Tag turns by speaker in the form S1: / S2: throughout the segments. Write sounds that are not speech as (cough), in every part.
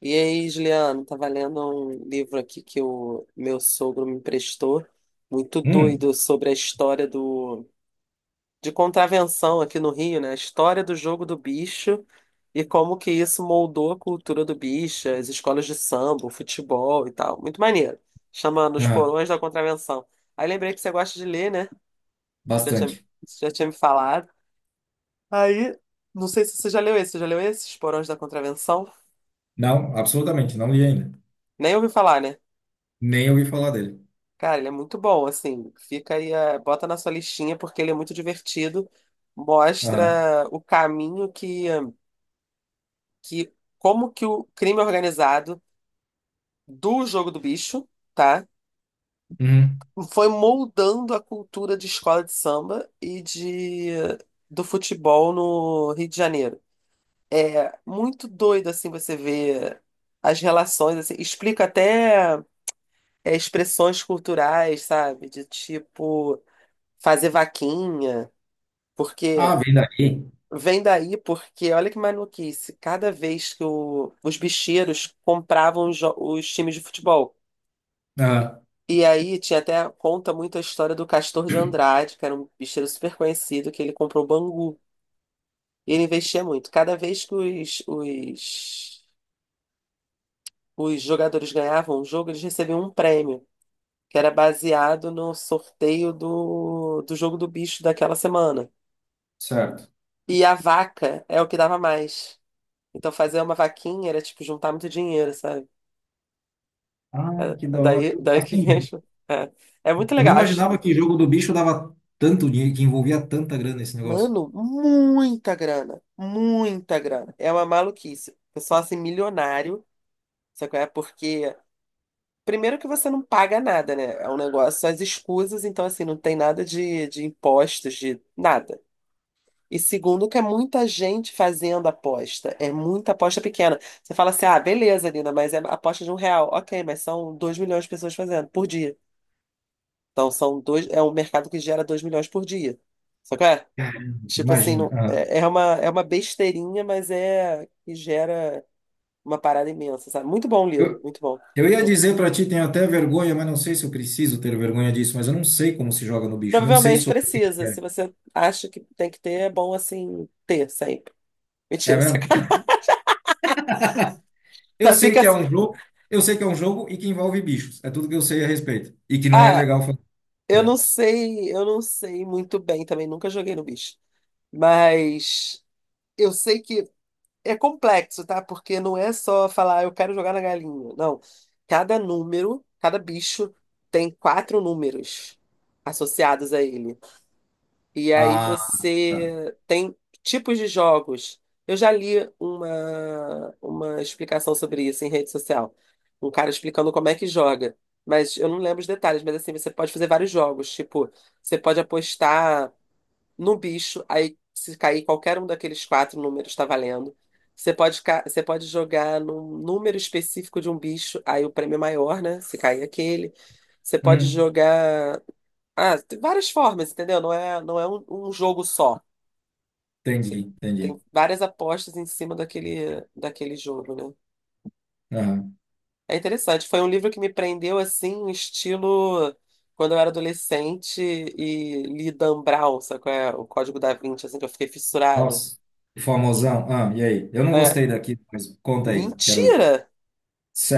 S1: E aí, Juliano, tava lendo um livro aqui que o meu sogro me emprestou, muito
S2: Hum.
S1: doido, sobre a história do de contravenção aqui no Rio, né? A história do jogo do bicho e como que isso moldou a cultura do bicho, as escolas de samba, o futebol e tal. Muito maneiro. Chama Nos
S2: Aham.
S1: Porões da Contravenção. Aí lembrei que você gosta de ler, né? Você Já tinha,
S2: Bastante.
S1: você já tinha me falado. Aí, não sei se você já leu esse. Você já leu esse, Os Porões da Contravenção?
S2: Não, absolutamente, não li ainda.
S1: Nem ouvi falar, né?
S2: Nem ouvi falar dele.
S1: Cara, ele é muito bom, assim. Fica aí, bota na sua listinha, porque ele é muito divertido.
S2: Aham.
S1: Mostra o caminho que como que o crime é organizado do Jogo do Bicho, tá?
S2: Uhum.
S1: Foi moldando a cultura de escola de samba e de do futebol no Rio de Janeiro. É muito doido, assim, você ver as relações, assim. Explica até expressões culturais, sabe? De tipo fazer vaquinha.
S2: Ah,
S1: Porque
S2: vem daí.
S1: Vem daí porque, olha que maluquice, cada vez que os bicheiros compravam os times de futebol.
S2: Aham,
S1: E aí tinha até, conta muito a história do Castor de Andrade, que era um bicheiro super conhecido, que ele comprou o Bangu. E ele investia muito. Cada vez que os jogadores ganhavam um jogo, eles recebiam um prêmio, que era baseado no sorteio do jogo do bicho daquela semana.
S2: certo.
S1: E a vaca é o que dava mais. Então fazer uma vaquinha era tipo juntar muito dinheiro, sabe?
S2: Ah, que
S1: É,
S2: da hora. Eu,
S1: daí que
S2: assim,
S1: vem. É, é muito
S2: eu não
S1: legal.
S2: imaginava que jogo do bicho dava tanto dinheiro, que envolvia tanta grana esse negócio.
S1: Mano, muita grana. Muita grana. É uma maluquice. Pessoal assim, milionário. Sabe qual é? Porque. Primeiro que você não paga nada, né? É um negócio, só as escusas, então assim, não tem nada de impostos, de nada. E segundo que é muita gente fazendo aposta. É muita aposta pequena. Você fala assim, ah, beleza, Lina, mas é aposta de um real. Ok, mas são dois milhões de pessoas fazendo por dia. Então é um mercado que gera 2 milhões por dia. Só que é, tipo assim,
S2: Imagina.
S1: não,
S2: Aham.
S1: é uma besteirinha, mas é que gera uma parada imensa, sabe? Muito bom o livro,
S2: Eu,
S1: muito bom.
S2: eu ia dizer pra ti, tenho até vergonha, mas não sei se eu preciso ter vergonha disso, mas eu não sei como se joga no bicho, eu não sei
S1: Provavelmente
S2: sobre o que que
S1: precisa,
S2: é.
S1: se você acha que tem que ter, é bom assim ter sempre.
S2: É
S1: Mentira, (laughs)
S2: mesmo?
S1: sacanagem.
S2: Eu sei
S1: Fica
S2: que é
S1: assim.
S2: um jogo, eu sei que é um jogo e que envolve bichos. É tudo que eu sei a respeito. E que não é
S1: Ah,
S2: legal fazer. Né?
S1: eu não sei muito bem também, nunca joguei no bicho. Mas eu sei que é complexo, tá? Porque não é só falar, "Ah, eu quero jogar na galinha." Não. Cada número, cada bicho tem quatro números associados a ele. E aí
S2: Ah, tá.
S1: você tem tipos de jogos. Eu já li uma explicação sobre isso em rede social. Um cara explicando como é que joga. Mas eu não lembro os detalhes, mas assim, você pode fazer vários jogos. Tipo, você pode apostar no bicho, aí se cair qualquer um daqueles quatro números está valendo. Você pode jogar num número específico de um bicho, aí o prêmio é maior, né? Se cair aquele. Você pode
S2: Hum,
S1: jogar. Ah, tem várias formas, entendeu? Não é um jogo só.
S2: Entendi,
S1: Você tem
S2: entendi.
S1: várias apostas em cima daquele jogo, né?
S2: Aham.
S1: É interessante. Foi um livro que me prendeu assim, um estilo quando eu era adolescente e li Dan Brown, sabe qual é? O Código da Vinci, assim, que eu fiquei fissurada.
S2: Nossa, famosão. Ah, e aí? Eu não
S1: É,
S2: gostei daqui, mas conta aí, quero ver.
S1: mentira!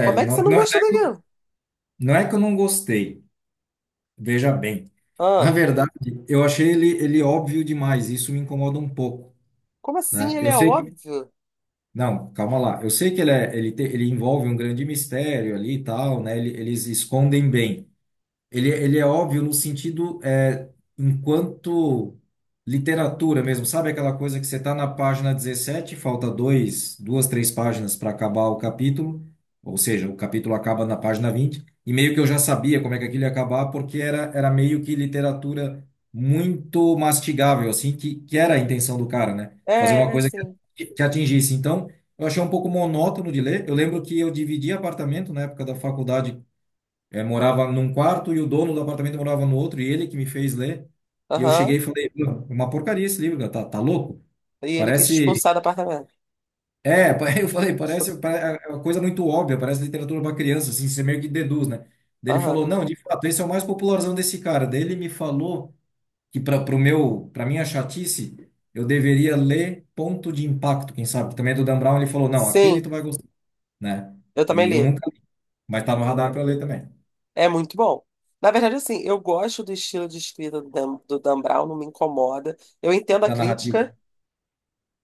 S1: Como é que você
S2: não,
S1: não
S2: não,
S1: gostou daquilo?
S2: não é que eu não gostei, veja bem. Na
S1: Ah,
S2: verdade, eu achei ele óbvio demais, isso me incomoda um pouco,
S1: como assim?
S2: né?
S1: Ele
S2: Eu
S1: é
S2: sei que...
S1: óbvio?
S2: Não, calma lá. Eu sei que ele, é, ele, te- ele envolve um grande mistério ali e tal, né? Eles escondem bem. Ele é óbvio no sentido, enquanto literatura mesmo, sabe aquela coisa que você está na página 17, falta dois, duas, três páginas para acabar o capítulo, ou seja, o capítulo acaba na página 20. E meio que eu já sabia como é que aquilo ia acabar, porque era meio que literatura muito mastigável, assim, que era a intenção do cara, né? Fazer uma
S1: É, é,
S2: coisa
S1: sim.
S2: que atingisse. Então, eu achei um pouco monótono de ler. Eu lembro que eu dividi apartamento na época da faculdade. Morava num quarto e o dono do apartamento morava no outro, e ele que me fez ler. E eu
S1: Aham.
S2: cheguei e falei, "Meu, uma porcaria esse livro, cara, tá louco?"
S1: E ele quis
S2: Parece.
S1: expulsar do apartamento.
S2: É, (laughs) eu falei, parece, é uma coisa muito óbvia, parece literatura para criança, assim, você meio que deduz, né? Daí ele falou,
S1: Aham.
S2: não, de fato, esse é o mais popularzão desse cara. Daí ele me falou que para minha chatice, eu deveria ler Ponto de Impacto, quem sabe, que também é do Dan Brown, ele falou, não, aquele
S1: Sim,
S2: tu vai gostar, né?
S1: eu também
S2: E eu
S1: li.
S2: nunca li, mas tá no radar para ler também,
S1: É muito bom. Na verdade, assim, eu gosto do estilo de escrita do Dan Brown, não me incomoda. Eu entendo a
S2: da narrativa.
S1: crítica,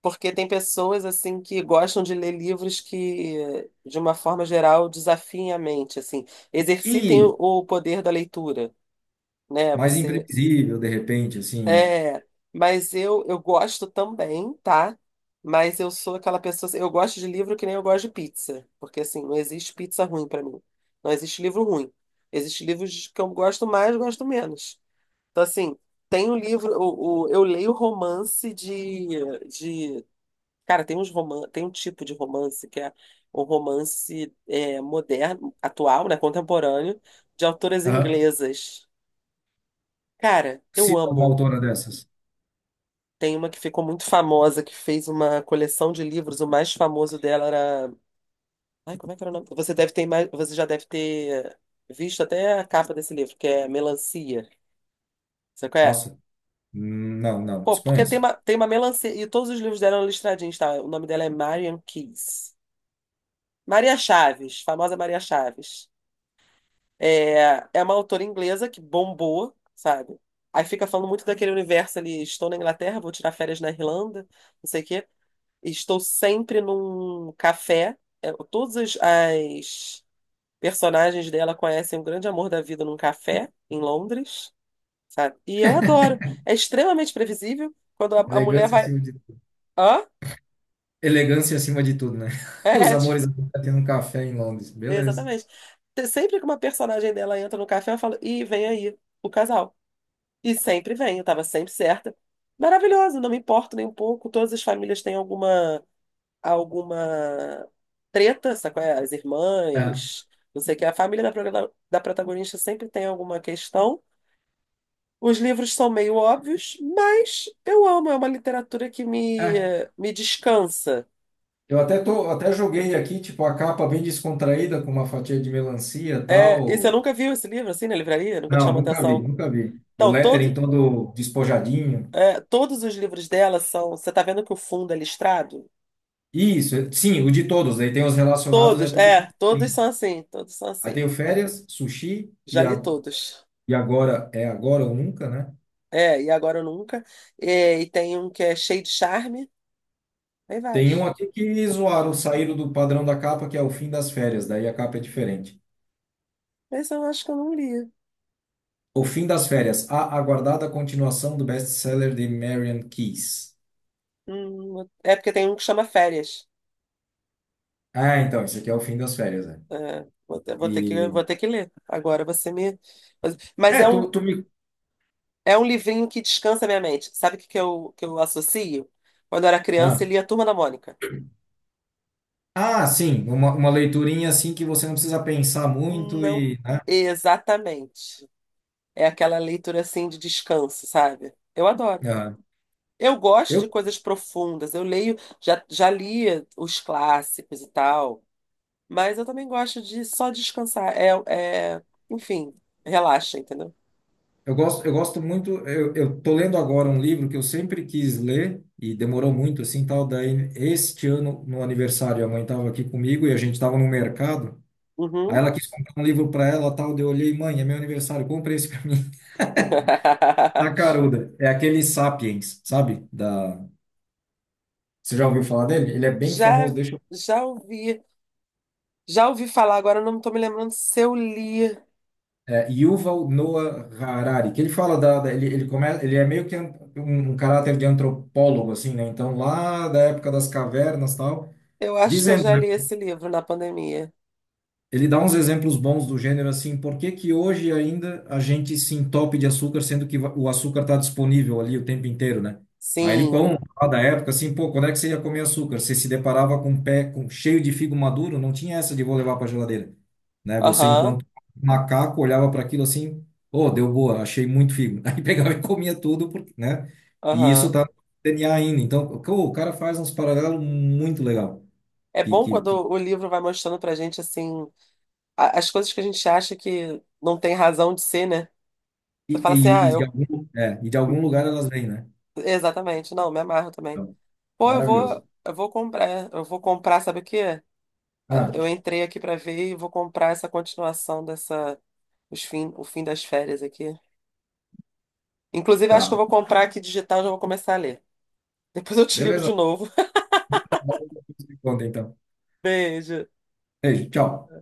S1: porque tem pessoas, assim, que gostam de ler livros que, de uma forma geral, desafiem a mente, assim, exercitem
S2: E
S1: o poder da leitura, né?
S2: mais
S1: Você
S2: imprevisível, de repente, assim, é.
S1: é, mas eu gosto também, tá? Mas eu sou aquela pessoa, assim, eu gosto de livro que nem eu gosto de pizza, porque assim, não existe pizza ruim pra mim. Não existe livro ruim. Existem livros que eu gosto mais, gosto menos. Então assim, tem um livro, eu leio romance de, cara, tem um tipo de romance que é o romance é, moderno, atual, né, contemporâneo, de autoras
S2: Aham.
S1: inglesas. Cara, eu
S2: Cita uma
S1: amo.
S2: autora dessas.
S1: Tem uma que ficou muito famosa, que fez uma coleção de livros. O mais famoso dela era. Ai, como é que era o nome? Você já deve ter visto até a capa desse livro, que é Melancia. Você conhece?
S2: Nossa, não, não,
S1: Pô, porque
S2: desconheço.
S1: tem uma melancia. E todos os livros dela eram listradinhos, tá? O nome dela é Marian Keyes. Maria Chaves, famosa Maria Chaves. É, é uma autora inglesa que bombou, sabe? Aí fica falando muito daquele universo ali, estou na Inglaterra, vou tirar férias na Irlanda, não sei o quê. Estou sempre num café. É, todas as personagens dela conhecem o grande amor da vida num café em Londres, sabe? E eu adoro. É extremamente previsível quando a mulher
S2: Elegância
S1: vai.
S2: acima de tudo.
S1: Hã?
S2: Elegância acima de tudo, né?
S1: É,
S2: (laughs) Os
S1: é, tipo,
S2: amores acontecem um café em Londres. Beleza.
S1: exatamente. Sempre que uma personagem dela entra no café, eu falo, ih, vem aí, o casal. E sempre vem, eu tava sempre certa. Maravilhoso, não me importo nem um pouco. Todas as famílias têm alguma treta, sabe qual é? As
S2: Aham.
S1: irmãs, não sei o que. A família da protagonista sempre tem alguma questão. Os livros são meio óbvios, mas eu amo, é uma literatura que
S2: É,
S1: me descansa.
S2: eu até tô, até joguei aqui, tipo, a capa bem descontraída, com uma fatia de melancia e
S1: É, e você
S2: tal.
S1: nunca viu esse livro assim na livraria? Nunca te
S2: Não,
S1: chamou
S2: nunca vi,
S1: atenção?
S2: nunca vi. O
S1: Então,
S2: lettering
S1: todo,
S2: todo despojadinho.
S1: é, todos os livros dela são. Você tá vendo que o fundo é listrado?
S2: Isso, sim, o de todos. Aí tem os relacionados, é
S1: Todos,
S2: tudo com
S1: é, todos
S2: letrinha.
S1: são assim, todos são
S2: Aí
S1: assim.
S2: tem o férias, sushi,
S1: Já li todos.
S2: e agora é agora ou nunca, né?
S1: É, e agora eu nunca. É, e tem um que é cheio de charme. Tem
S2: Tem um
S1: vários.
S2: aqui que zoaram, saíram do padrão da capa, que é o fim das férias, daí a capa é diferente.
S1: Mas eu acho que eu não li.
S2: O fim das férias, a aguardada continuação do best-seller de Marian Keyes.
S1: Hum, é porque tem um que chama Férias.
S2: Ah, então, isso aqui é o fim das férias, né?
S1: É, vou
S2: E...
S1: ter que ler. Agora você me. Mas
S2: É, tu me...
S1: é um livrinho que descansa minha mente. Sabe o que eu associo? Quando eu era criança
S2: Ah,
S1: e lia Turma da Mônica.
S2: Ah, sim, uma leiturinha assim que você não precisa pensar muito
S1: Não,
S2: e... né?
S1: exatamente. É aquela leitura assim de descanso, sabe? Eu adoro.
S2: Ah.
S1: Eu gosto
S2: Eu
S1: de coisas profundas. Eu leio, já li os clássicos e tal. Mas eu também gosto de só descansar. É, é... Enfim, relaxa, entendeu?
S2: Eu gosto, eu gosto muito. Eu tô lendo agora um livro que eu sempre quis ler e demorou muito, assim, tal. Daí, este ano, no aniversário, a mãe estava aqui comigo e a gente estava no mercado. Aí
S1: Uhum.
S2: ela quis comprar um livro para ela, tal. Daí eu olhei, mãe, é meu aniversário, compra esse para mim. (laughs) Na
S1: (laughs)
S2: caruda. É aquele Sapiens, sabe? Da... Você já ouviu falar dele? Ele é bem famoso,
S1: Já,
S2: deixa eu...
S1: já ouvi, já ouvi falar, agora eu não estou me lembrando se eu li.
S2: É, Yuval Noah Harari, que ele fala ele começa, ele é meio que um caráter de antropólogo assim, né? Então lá da época das cavernas, tal,
S1: Eu acho que eu
S2: dizendo.
S1: já li esse livro na pandemia.
S2: Ele dá uns exemplos bons do gênero assim, por que que hoje ainda a gente se entope de açúcar, sendo que o açúcar está disponível ali o tempo inteiro, né? Aí ele, sim,
S1: Sim.
S2: conta lá da época assim, pô, quando é que você ia comer açúcar? Você se deparava com um pé cheio de figo maduro, não tinha essa de vou levar para geladeira, né? Você,
S1: Aham,
S2: enquanto macaco, olhava para aquilo assim, ô, deu boa, achei muito figo. (laughs) Aí pegava e comia tudo, porque, né? E isso
S1: aham.
S2: tá no DNA ainda. Então, o cara faz uns paralelos muito legal.
S1: É bom quando
S2: Que
S1: o livro vai mostrando pra gente, assim, as coisas que a gente acha que não tem razão de ser, né?
S2: E,
S1: Você fala assim, ah, eu.
S2: e de algum lugar elas vêm, né?
S1: Exatamente, não, me amarro também.
S2: Então,
S1: Pô,
S2: maravilhoso.
S1: eu vou comprar, sabe o quê?
S2: Ah,
S1: Eu entrei aqui pra ver e vou comprar essa continuação dessa, o fim das férias aqui. Inclusive, acho que
S2: tá.
S1: eu vou comprar aqui digital, já vou começar a ler. Depois eu te ligo
S2: Beleza.
S1: de novo.
S2: Se conta, então.
S1: (laughs) Beijo.
S2: Beijo, tchau.